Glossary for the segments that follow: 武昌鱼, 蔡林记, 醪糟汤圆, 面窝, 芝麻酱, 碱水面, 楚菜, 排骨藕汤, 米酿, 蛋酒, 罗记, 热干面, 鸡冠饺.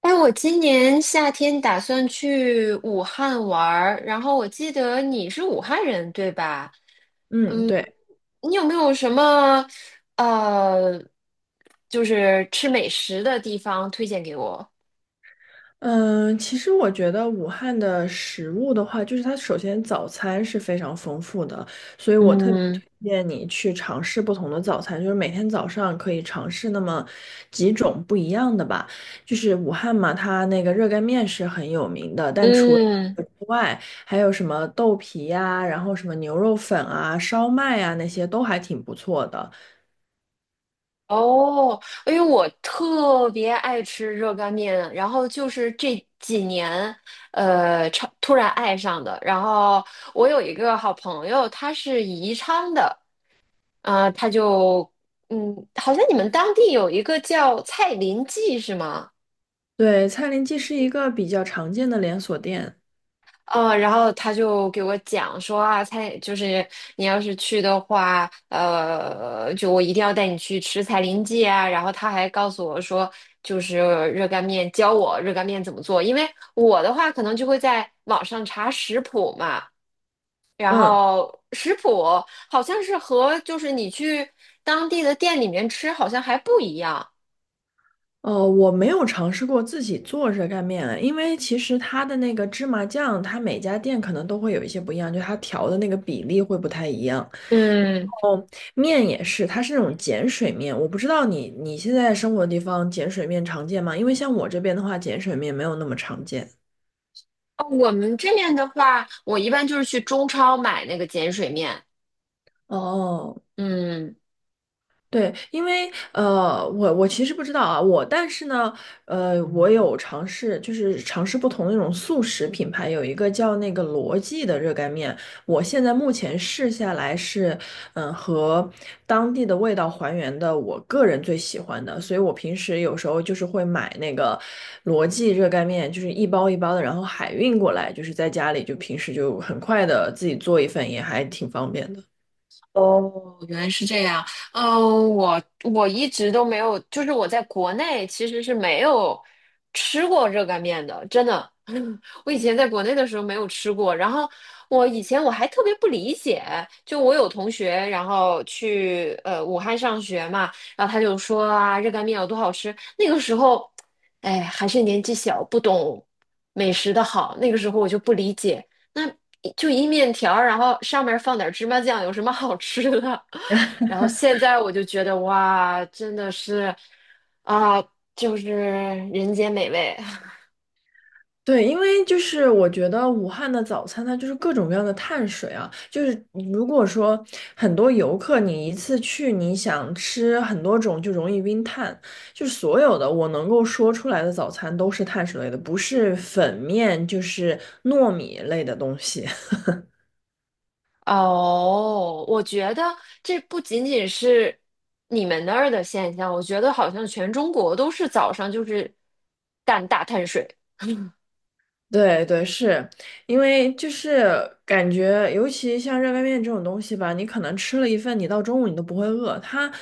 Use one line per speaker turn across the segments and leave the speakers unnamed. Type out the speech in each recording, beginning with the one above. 哎，我今年夏天打算去武汉玩儿，然后我记得你是武汉人，对吧？
嗯，
嗯，
对，
你有没有什么呃，就是吃美食的地方推荐给我？
嗯，其实我觉得武汉的食物的话，就是它首先早餐是非常丰富的，所以我特别
嗯
推荐你去尝试不同的早餐，就是每天早上可以尝试那么几种不一样的吧。就是武汉嘛，它那个热干面是很有名的，但除了
嗯，
这个之外，还有什么豆皮呀、然后什么牛肉粉啊、烧麦啊，那些都还挺不错的。
哦，因为我特别爱吃热干面，然后就是这几年，超突然爱上的。然后我有一个好朋友，他是宜昌的。啊、他就好像你们当地有一个叫蔡林记是吗？
对，蔡林记是一个比较常见的连锁店。
然后他就给我讲说啊，蔡就是你要是去的话，就我一定要带你去吃蔡林记啊。然后他还告诉我说，就是热干面，教我热干面怎么做。因为我的话可能就会在网上查食谱嘛，然
嗯。
后食谱好像是和就是你去当地的店里面吃好像还不一样。
哦，我没有尝试过自己做热干面啊，因为其实它的那个芝麻酱，它每家店可能都会有一些不一样，就它调的那个比例会不太一样。
嗯。
哦，面也是，它是那种碱水面，我不知道你现在生活的地方碱水面常见吗？因为像我这边的话，碱水面没有那么常见。
哦，我们这边的话，我一般就是去中超买那个碱水面。
哦，
嗯。
对，因为我其实不知道啊，我但是呢，我有尝试，就是尝试不同的那种速食品牌，有一个叫那个罗记的热干面，我现在目前试下来是，和当地的味道还原的，我个人最喜欢的，所以我平时有时候就是会买那个罗记热干面，就是一包一包的，然后海运过来，就是在家里就平时就很快的自己做一份，也还挺方便的。
哦，原来是这样。嗯、我一直都没有，就是我在国内其实是没有吃过热干面的，真的。我以前在国内的时候没有吃过，然后我以前我还特别不理解，就我有同学，然后去武汉上学嘛，然后他就说啊，热干面有多好吃。那个时候，哎，还是年纪小，不懂美食的好，那个时候我就不理解。那就一面条儿然后上面放点芝麻酱，有什么好吃的？然后现在我就觉得哇，真的是啊，就是人间美味。
对，因为就是我觉得武汉的早餐它就是各种各样的碳水啊，就是如果说很多游客你一次去你想吃很多种就容易晕碳，就是所有的我能够说出来的早餐都是碳水类的，不是粉面就是糯米类的东西。
哦，我觉得这不仅仅是你们那儿的现象，我觉得好像全中国都是早上就是干大碳水。
对对，是因为就是感觉，尤其像热干面这种东西吧，你可能吃了一份，你到中午你都不会饿，它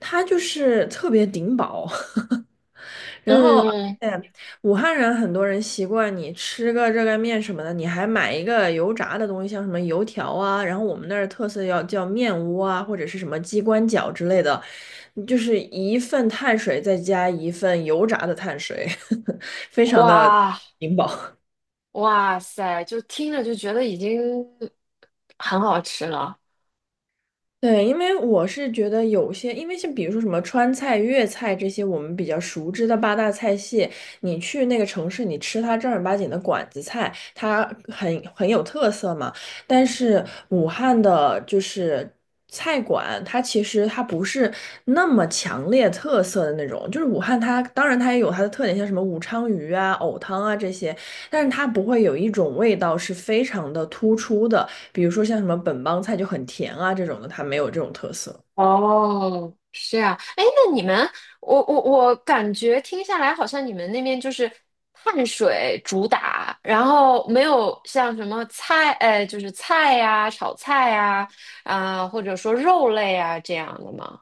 它就是特别顶饱。然后，而
嗯，
且武汉人很多人习惯你吃个热干面什么的，你还买一个油炸的东西，像什么油条啊，然后我们那儿特色要叫面窝啊，或者是什么鸡冠饺之类的，就是一份碳水再加一份油炸的碳水，非常的
哇
顶饱。
哇塞，就听着就觉得已经很好吃了。
对，因为我是觉得有些，因为像比如说什么川菜、粤菜这些我们比较熟知的八大菜系，你去那个城市，你吃它正儿八经的馆子菜，它很有特色嘛。但是武汉的就是菜馆，它其实它不是那么强烈特色的那种。就是武汉它当然它也有它的特点，像什么武昌鱼啊、藕汤啊这些，但是它不会有一种味道是非常的突出的。比如说像什么本帮菜就很甜啊这种的，它没有这种特色。
哦，是这样。哎，那你们，我感觉听下来，好像你们那边就是碳水主打，然后没有像什么菜，就是菜呀、炒菜呀、啊，或者说肉类啊这样的吗？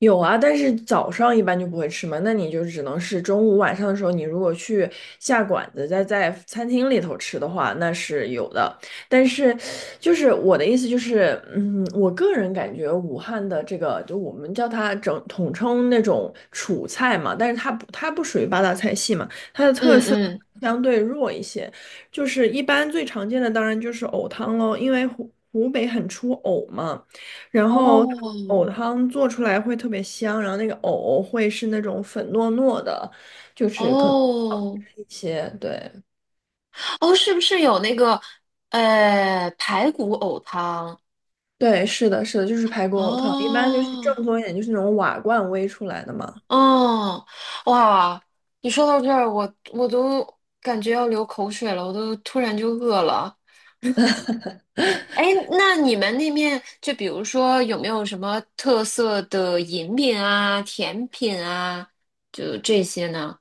有啊，但是早上一般就不会吃嘛，那你就只能是中午晚上的时候，你如果去下馆子，再在餐厅里头吃的话，那是有的。但是，就是我的意思就是，我个人感觉武汉的这个，就我们叫它整统称那种楚菜嘛，但是它不属于八大菜系嘛。
嗯嗯，
相对弱一些，就是一般最常见的当然就是藕汤喽，因为湖北很出藕嘛，然后
哦
藕汤做出来会特别香，然后那个藕会是那种粉糯糯的
哦
一些，对
哦，是不是有那个排骨藕汤？
对，是的，是的，就是排骨藕汤，一般就是
哦
正宗一点，就是那种瓦罐煨出来的嘛。
哦，哇！你说到这儿，我都感觉要流口水了，我都突然就饿了。哎，那你们那面就比如说有没有什么特色的饮品啊、甜品啊，就这些呢？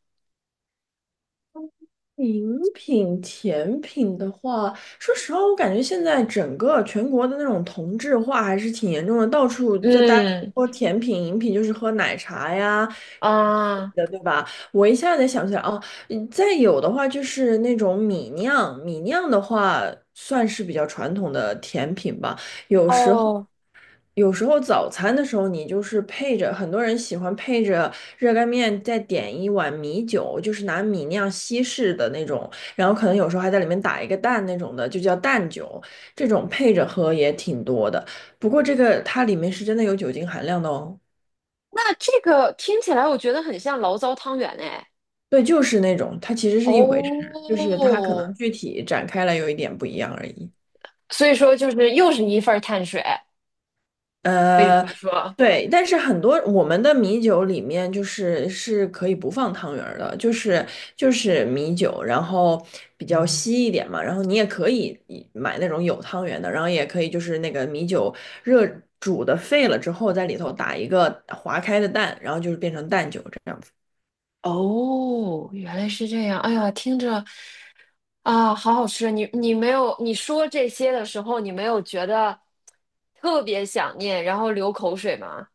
饮品、甜品的话，说实话，我感觉现在整个全国的那种同质化还是挺严重的，到处在大家
嗯
说甜品、饮品，就是喝奶茶呀
啊，
的，对吧？我一下子想起来，哦，再有的话就是那种米酿，米酿的话算是比较传统的甜品吧，有时候。
哦，
有时候早餐的时候，你就是配着，很多人喜欢配着热干面，再点一碗米酒，就是拿米酿西式的那种，然后可能有时候还在里面打一个蛋那种的，就叫蛋酒。这种配着喝也挺多的，不过这个它里面是真的有酒精含量的哦。
那这个听起来我觉得很像醪糟汤圆哎。
对，就是那种，它其实是一回事，就是它可能
哦，
具体展开来有一点不一样而已。
所以说就是又是一份儿碳水，可以这
呃，
么说。
对，但是很多我们的米酒里面就是可以不放汤圆儿的，就是米酒，然后比较稀一点嘛，然后你也可以买那种有汤圆的，然后也可以就是那个米酒热煮的沸了之后，在里头打一个划开的蛋，然后就是变成蛋酒这样子。
哦，原来是这样。哎呀，听着啊，好好吃。你没有你说这些的时候，你没有觉得特别想念，然后流口水吗？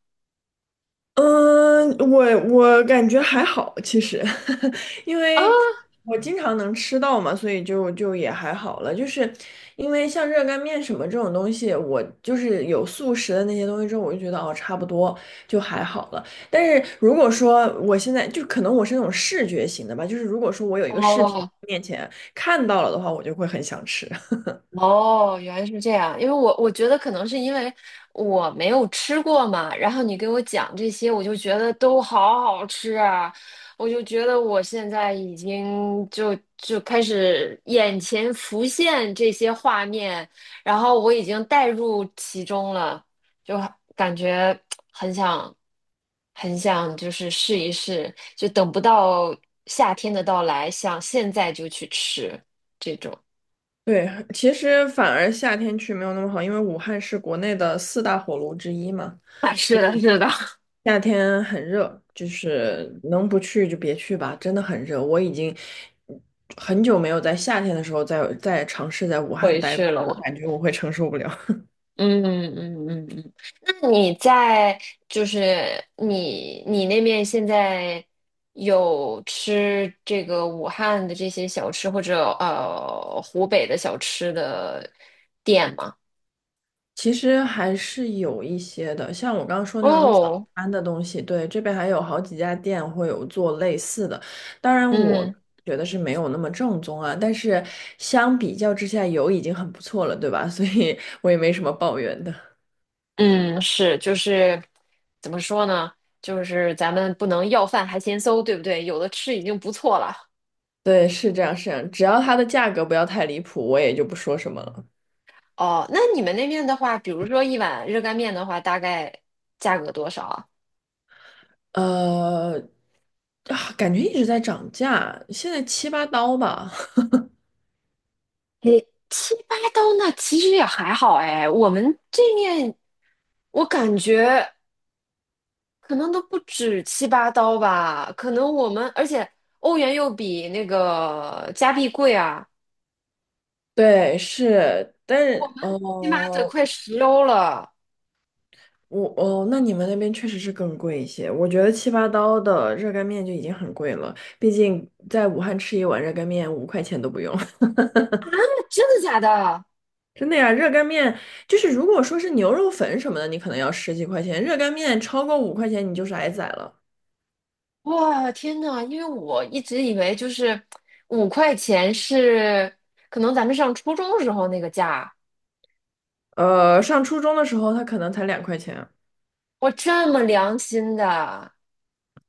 嗯，我感觉还好，其实，因
啊，
为我经常能吃到嘛，所以就也还好了。就是因为像热干面什么这种东西，我就是有素食的那些东西之后，我就觉得哦，差不多就还好了。但是如果说我现在就可能我是那种视觉型的吧，就是如果说我有一个视频
哦，
面前看到了的话，我就会很想吃。
哦，原来是这样，因为我觉得可能是因为我没有吃过嘛，然后你给我讲这些，我就觉得都好好吃啊，我就觉得我现在已经就开始眼前浮现这些画面，然后我已经带入其中了，就感觉很想很想就是试一试，就等不到夏天的到来，想现在就去吃这种。
对，其实反而夏天去没有那么好，因为武汉是国内的四大火炉之一嘛。
啊，是的，是的。
夏天很热，就是能不去就别去吧，真的很热。我已经很久没有在夏天的时候再尝试在武汉
回
待
去
过了，我
了。
感觉我会承受不了。
嗯嗯嗯嗯，那你在就是你那边现在有吃这个武汉的这些小吃或者湖北的小吃的店吗？
其实还是有一些的，像我刚刚说那种早
哦，
餐的东西，对，这边还有好几家店会有做类似的。当然，我
嗯
觉得是没有那么正宗啊，但是相比较之下有已经很不错了，对吧？所以我也没什么抱怨的。
嗯，是就是怎么说呢？就是咱们不能要饭还嫌馊，对不对？有的吃已经不错了。
对，是这样，是这样，只要它的价格不要太离谱，我也就不说什么了。
哦，那你们那边的话，比如说一碗热干面的话，大概价格多少啊？
呃，啊，感觉一直在涨价，现在七八刀吧。
你七八刀那其实也还好哎，我们这面我感觉可能都不止七八刀吧，可能我们而且欧元又比那个加币贵啊，
对，是，但是
起码得
哦，
快10欧了。
那你们那边确实是更贵一些。我觉得七八刀的热干面就已经很贵了，毕竟在武汉吃一碗热干面五块钱都不用。
真的假的？
真的呀，热干面就是如果说是牛肉粉什么的，你可能要十几块钱，热干面超过五块钱你就是挨宰了。
哇，天呐，因为我一直以为就是5块钱是可能咱们上初中时候那个价，
上初中的时候，它可能才2块钱。
哇，这么良心的，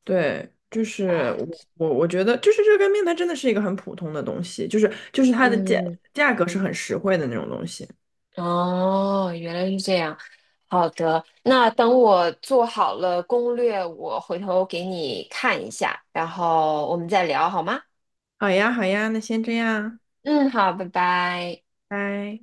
对，就是
哎
我觉得，就是热干面它真的是一个很普通的东西，就是它的价
嗯。
价格是很实惠的那种东西。
哦，原来是这样。好的，那等我做好了攻略，我回头给你看一下，然后我们再聊好吗？
好呀，好呀，那先这样，
嗯，好，拜拜。
拜。